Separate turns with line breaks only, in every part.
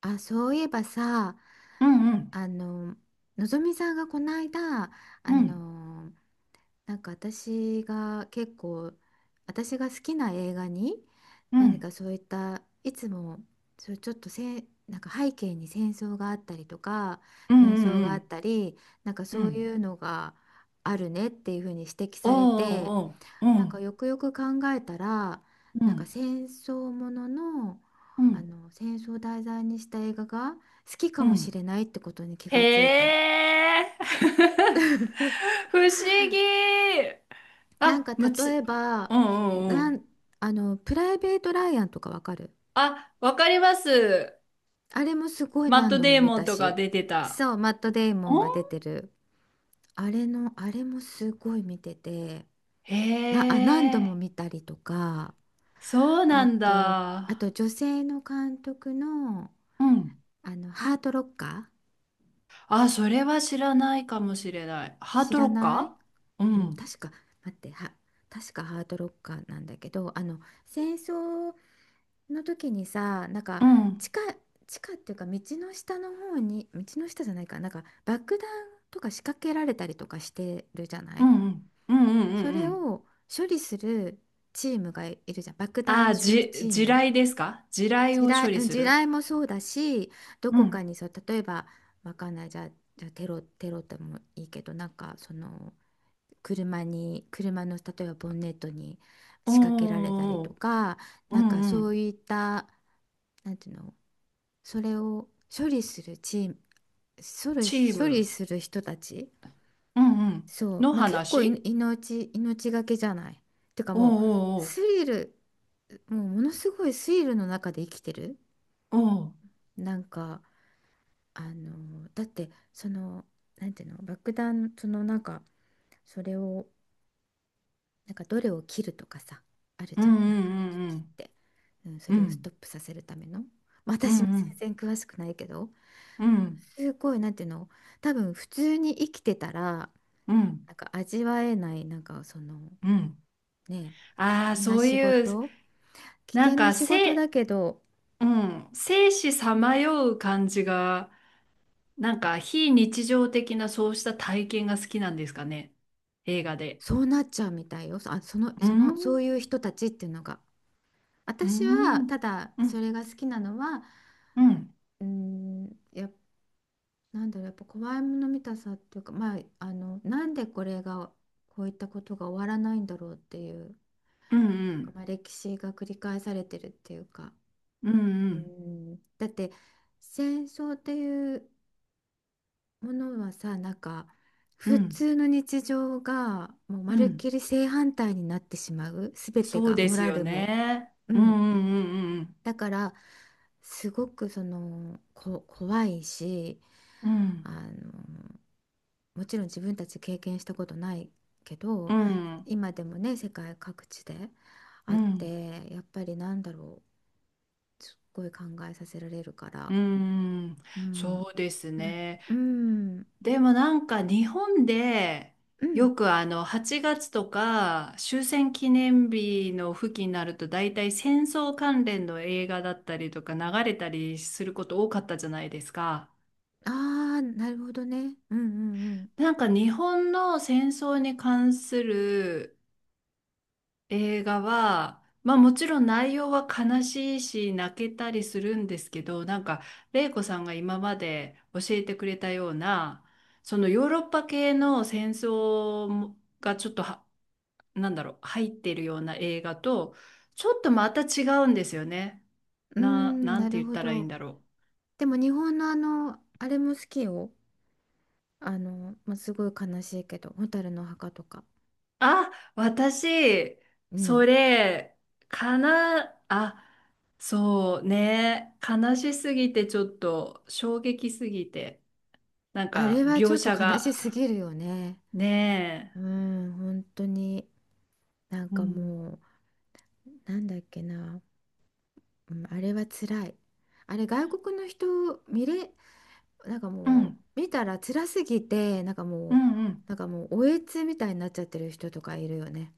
あ、そういえばさ、
うんうん。
あの、のぞみさんがこの間、あ
うん
の、なんか私が結構、私が好きな映画に、
う
何か
ん。
そういった、いつも、そう、ちょっとなんか背景に戦争があったりとか、
う
紛
ん
争
う
があっ
ん。
たり、なんか
うんう
そうい
ん。
うのがあるねっていうふうに指摘
お
されて、
ーおー
な
お
んか
ー。
よくよく考えたら
うんう
なんか
ん。
戦争ものの、
うん
戦争を題材にした映画が好きか
う
もし
ん。
れないってことに気がついた。
へえ。 不思議。
なん
あ
か
む
例
つ。
えば
うんうん。う
な
ん。
んプライベート・ライアンとかわかる？
あ、わかります。
あれもすごい
マッ
何
ト・
度も
デー
見
モン
た
とか
し。
出てた。
そうマット・デイ
お。
モンが出てる。あれのあれもすごい見てて、
へ
何度
え。
も見たりとか。
そうな
あ
ん
とあと
だ。
女性の監督の、
うん。
ハート・ロッカー。
あ、それは知らないかもしれない。ハー
知
ト
ら
ロッ
ない。
カーう
うん、
ん
確か、待って、確かハードロッカーなんだけど、戦争の時にさ、なんか、
う
地
ん。
下、地下っていうか、道の下の方に、道の下じゃないか、なんか、爆弾とか仕掛けられたりとかしてるじゃな
う
い。
んうん。うんうん。う
そ
んう
れ
ん。
を処理するチームがいるじゃん。爆
あ
弾
あ、
処理
じ、
チー
地
ム。
雷ですか？地雷
地
を処
雷、
理
うん、
す
地
る。
雷もそうだし、ど
う
こか
ん。
にそう、例えば、わかんない、じゃあ、テロでもいいけど、なんか、その、車の例えばボンネットに
おー
仕掛けられたり
お
と
ー
か、
おー、う
なんか
んう
そう
ん。
いった、なんていうの、それを処理するチーム、
チー
処理
ム。
する人たち。
うんうん。
そう、
の
まあ結構
話。
命がけじゃない。てか
お
もう
ーお
スリルもうものすごいスリルの中で生きてる。
ーおー、おー。
なんか、だって、なんていうの、爆弾、なんか、それを、なんか、どれを切るとかさ、ある
う
じゃん、
んう
なんかちょっと切っ
ん
て、うん、そ
うんう
れをストッ
ん。
プさせるための。まあ
うん
私も
うん。
全然詳しくないけど、
うん
すごい、なんていうの、多分普通に生きてたら
うん。
なんか味わえない、なんかその、
うん。
ね、危
ああ、
険な
そう
仕
いう、
事危
なん
険な
か、
仕事だ
せ、
けど、
うん、生死さまよう感じが、なんか、非日常的なそうした体験が好きなんですかね。映画で。
そうなっちゃうみたいよ。そういう人たちっていうのが。
う
私は
んう
た
ん
だ
う
そ
ん
れが好きなのは、
うん。
うん、やっなんだろう、やっぱ怖いもの見たさっていうか、まあ、なんでこれが、こういったことが終わらないんだろうっていう、
うん
な
う
んか、
ん。
まあ歴史が繰り返されてるっていうか。
うん
う
うん。
ん、だって戦争っていうものはさ、なんか
う
普
ん
通の日常がもうま
う
るっき
ん。
り正反対になってしまう、すべて
そう
が、
で
モ
す
ラ
よ
ルも。
ね。
う
うん
ん。
うんうん。
だから、すごく、怖いし、
う
あ
ん
のもちろん自分たち経験したことないけど、
うん。うん
今でもね世界各地で
う
あっ
ん。うん。
て、やっぱりなんだろう、すっごい考えさせられるから。うん。
そうです
まあ。
ね。
うん。
でもなんか日本で
うん。
よくあの8月とか終戦記念日の付近になると大体戦争関連の映画だったりとか流れたりすること多かったじゃないですか。
ああー、なるほどね。うんうん。
なんか日本の戦争に関する映画は、まあもちろん内容は悲しいし泣けたりするんですけど、なんか玲子さんが今まで教えてくれたような、そのヨーロッパ系の戦争もがちょっとは、なんだろう、入ってるような映画と、ちょっとまた違うんですよね。
うんう
な、
ん、
なん
な
て
る
言っ
ほ
たらいいん
ど。
だろう。
でも日本のあのあれも好きよ。まあ、すごい悲しいけど「蛍の墓」とか。
あ、私、
う
そ
ん、
れ、かな、あ、そうね、悲しすぎてちょっと衝撃すぎて、なん
あ
か
れはちょ
描
っと
写
悲し
が、
すぎるよね。
ね
うん、本当に。なん
え、う
か
ん、
もう、なんだっけな、うん、あれは辛い。あれ、外国の人見れ、なんか
う
も
ん、
う見たら辛すぎて、なんか
う
も
ん、
う、
うん。
なんかもう、おえつみたいになっちゃってる人とかいるよね。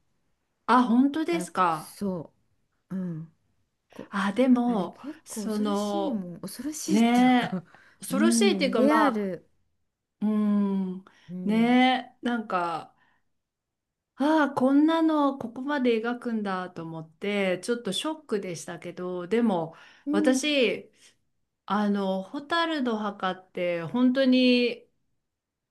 あ、本当ですか？
そう。うん。こ、
あ、で
あれ
も、
結構
そ
恐ろしい
の、
もん。恐ろしいっていうか、
ねえ、
う
恐ろしいっていう
ん、
か、
リ
ま
ア
あ、
ル。
うん、
うん。
ねえ、なんか、ああ、こんなのここまで描くんだと思って、ちょっとショックでしたけど、でも
うん。
私、あの、蛍の墓って本当に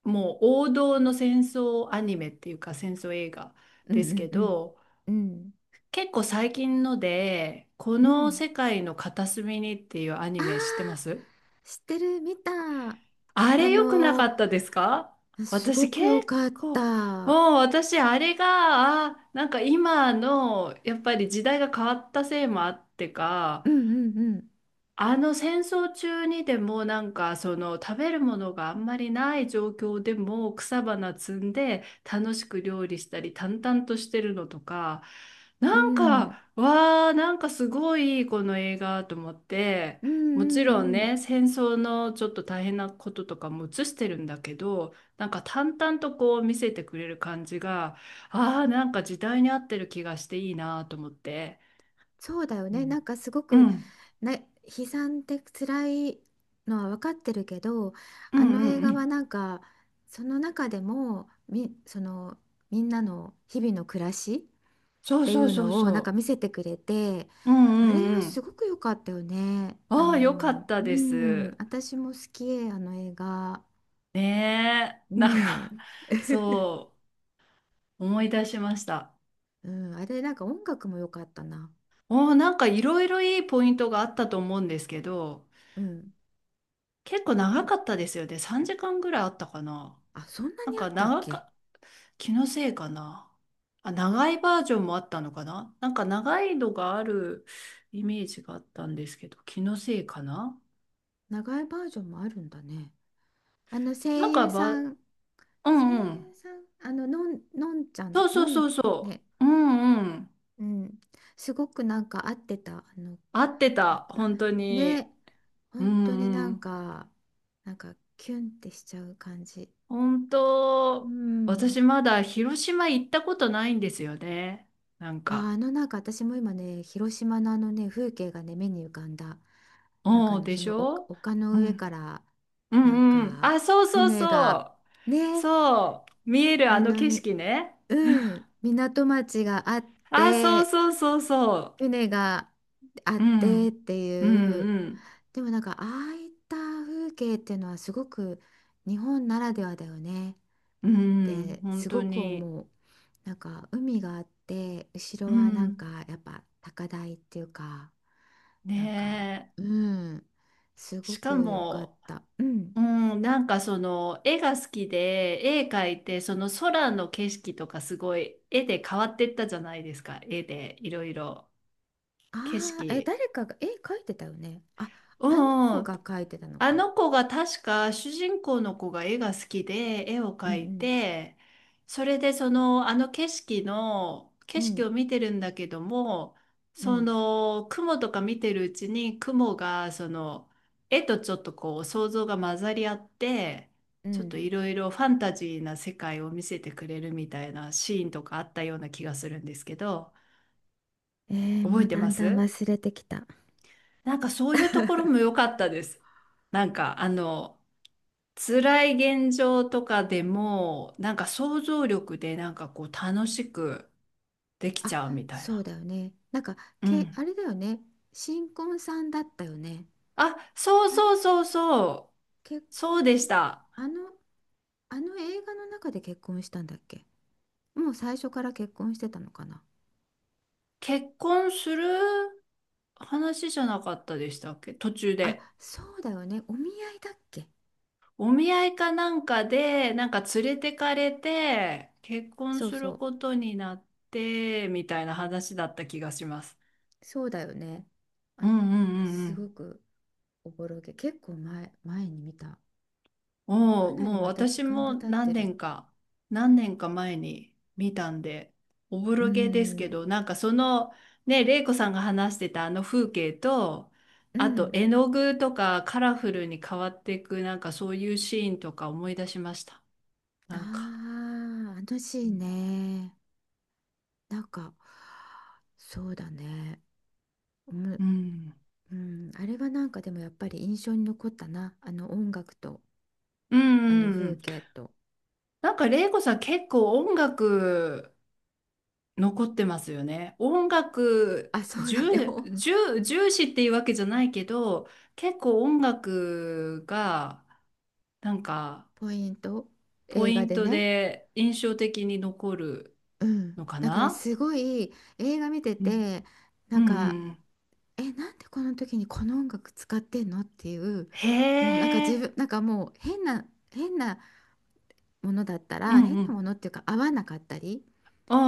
もう王道の戦争アニメっていうか戦争映画
うん
で
う
すけ
んうん。
ど、
うん。
結構最近ので、こ
う
の
ん。
世界の片隅にっていうア
あ
ニ
あ、
メ知ってます？
知ってる、見た。
あ
あ
れ良くなか
の
ったですか？
すご
私
く
結
良かっ
構、
た。
もう私あれが、あ、なんか今のやっぱり時代が変わったせいもあってか、
うんうん
あの戦争中にでもなんかその食べるものがあんまりない状況でも草花摘んで楽しく料理したり淡々としてるのとか、
う
なん
ん。うん。
かわー、なんかすごいこの映画と思って、
うん
もちろん
うんうん。
ね戦争のちょっと大変なこととかも映してるんだけどなんか淡々とこう見せてくれる感じが、あーなんか時代に合ってる気がしていいなと思って。
そうだよ
う
ね。な
ん
んかすご
う
く
ん。
ね、悲惨で辛いのは分かってるけど、
う
あ
んう
の
ん。
映
う
画は
ん。
なんか、その中でも、そのみんなの日々の暮らしっ
そう
てい
そう
う
そう
のをなんか
そ
見せてくれて、
う。うん
あ
う
れ
ん。う
はす
ん。
ごく良かったよね。
ああ、よかった
う
で
ん、
す。
私も好き、あの映画。
ねえ。
う
なんか、
ん。
そう、思い出しました。
うん、あれ、なんか音楽も良かったな。
おお、なんかいろいろいいポイントがあったと思うんですけど、
うん。
結構
あ
長
の、
かったですよね。3時間ぐらいあったかな。
そんな
なん
にあ
か
ったっ
長
け？
か、気のせいかな。あ、長いバージョンもあったのかな。なんか長いのがあるイメージがあったんですけど、気のせいかな。
長いバージョンもあるんだね。あの、声
なんか
優
ば、
さん、
う
声
んう
優
ん。
さん、のん、のんちゃ
そ
ん、
うそ
の
う
ん、
そうそ
ね。
う。うんうん。
うん。すごくなんか合ってた。
合って
なん
た、
か、
本当に。
ね、
う
本当に
ん
な
う
ん
ん。
か、キュンってしちゃう感じ。
本
う
当、
ん。
私まだ広島行ったことないんですよね。なん
あ、
か。
なんか私も今ね、広島のあのね、風景がね、目に浮かんだ。なんか、
おーでし
丘
ょ。
丘の
う
上か
ん。
ら、
う
なん
んうん。
か、
あ、そうそう
船
そ
が、
う。
ね、
そう。見えるあ
あ
の
の、
景
み
色ね。
うん、港町があっ
あ、そう
て、
そうそうそ
船があっ
う。う
てっ
ん。
て
う
いう、
ん
でもなんか、ああいった風景っていうのはすごく日本ならではだよね
うん。
っ
うん。
て、
本
す
当
ごく
に。
思う。なんか、海があって、後
う
ろはなん
ん。
か、やっぱ高台っていうか、なんか、
ねえ。
うん、す
し
ご
か
く良かっ
も、
た。うん。
うん、なんかその絵が好きで絵描いてその空の景色とかすごい絵で変わってったじゃないですか、絵でいろいろ景
ああ、え、
色。
誰かが絵描いてたよね。あ、
う
あの
ん
子
うん。
が描いてたの
あ
か。
の子が確か主人公の子が絵が好きで絵を
うんう
描い
ん
て、それでそのあの景色の
う
景色
ん。
を見てるんだけども、
う
そ
ん
の雲とか見てるうちに雲がその絵とちょっとこう想像が混ざり合って、
う
ちょっと
ん。
いろいろファンタジーな世界を見せてくれるみたいなシーンとかあったような気がするんですけど、
えー、
覚
も
え
う
て
だ
ま
んだん
す？
忘れてきた。
なんかそういうところも良かったです。なんかあの辛い現状とかでも、なんか想像力でなんかこう楽しくでき
あ、
ちゃうみたい
そう
な。
だよね。なんか、
う
あ
ん。
れだよね。新婚さんだったよね。
あ、そう
あれ
そうそうそう。
結
そう
婚
でし
し、
た。
あの、あの映画の中で結婚したんだっけ？もう最初から結婚してたのかな？
結婚する話じゃなかったでしたっけ途中
あ、
で。
そうだよね。お見合いだっけ？
お見合いかなんかで、なんか連れてかれて、結婚
そう
す
そ
る
う。
ことになって、みたいな話だった気がします。
そうだよね。
う
あ、
んうんう
すご
ん。
くおぼろげ。結構前に見た。か
もう、
なり
もう
また時
私
間
も
が経って
何
る。
年か、何年か前に見たんで、おぼ
うー
ろげですけ
ん、
ど、なんかその、ね、玲子さんが話してたあの風景と、
う
あと
ん。
絵の具とかカラフルに変わっていく、なんかそういうシーンとか思い出しました。
あ
なんか。
あ、あのシ
う
ー
ん。
ンね。なんか、そうだね。おも
うん
うん、あれはなんかでもやっぱり印象に残ったな。あの音楽と、
う
あ
ん。
の
う
風
ん。
景と。
なんか玲子さん結構音楽残ってますよね。音楽
あ、そうだね。
重、重、重視っていうわけじゃないけど、結構音楽がなんか
ポイント。
ポ
映
イ
画
ン
で
ト
ね。
で印象的に残る
うん。
のか
だから
な。
すごい映画見て
うん
て、な
う
ん
ん
か、
うん。
え、なんでこの時にこの音楽使ってんのっていう、
へ
もうなんか自
え。
分、なんかもう変なものだった
う
ら、
んう
変なも
ん。
のっていうか合わなかったり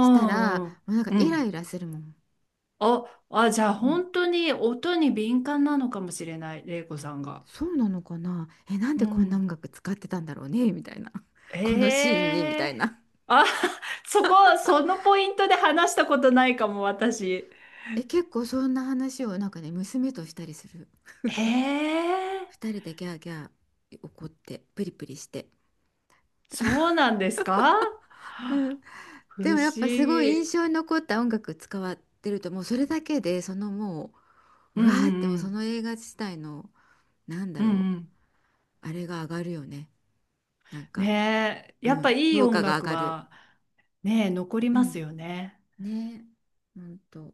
したら、
あ、
もうなんか
う
イラ
ん。
イラするもん。
あ、あ、じゃあ
もう、
本当に音に敏感なのかもしれない、玲子さんが。
そうなのかな。え、なん
う
でこんな
ん。
音楽使ってたんだろうね、みたいな。このシーンに、み
え
たい
え。
な。
あ、そこ、そのポイントで話したことないかも、私。
え、結構そんな話をなんかね、娘としたりする。
ええ。
二人でギャーギャー怒って、プリプリして。
そうなんですか？不
でもやっ
思
ぱすごい印
議。
象に残った音楽使わってると、もうそれだけで、もう、
う
う
ん
わーって、もう
う
そ
ん
の映画自体の、なんだ
うん。う
ろ
んうん。
う、あれが上がるよね、なんか。
ねえ、
う
やっぱ
ん、
いい
評
音
価が上
楽
がる。
は、ねえ、残り
う
ます
ん、
よね。
ねえ、ほんと。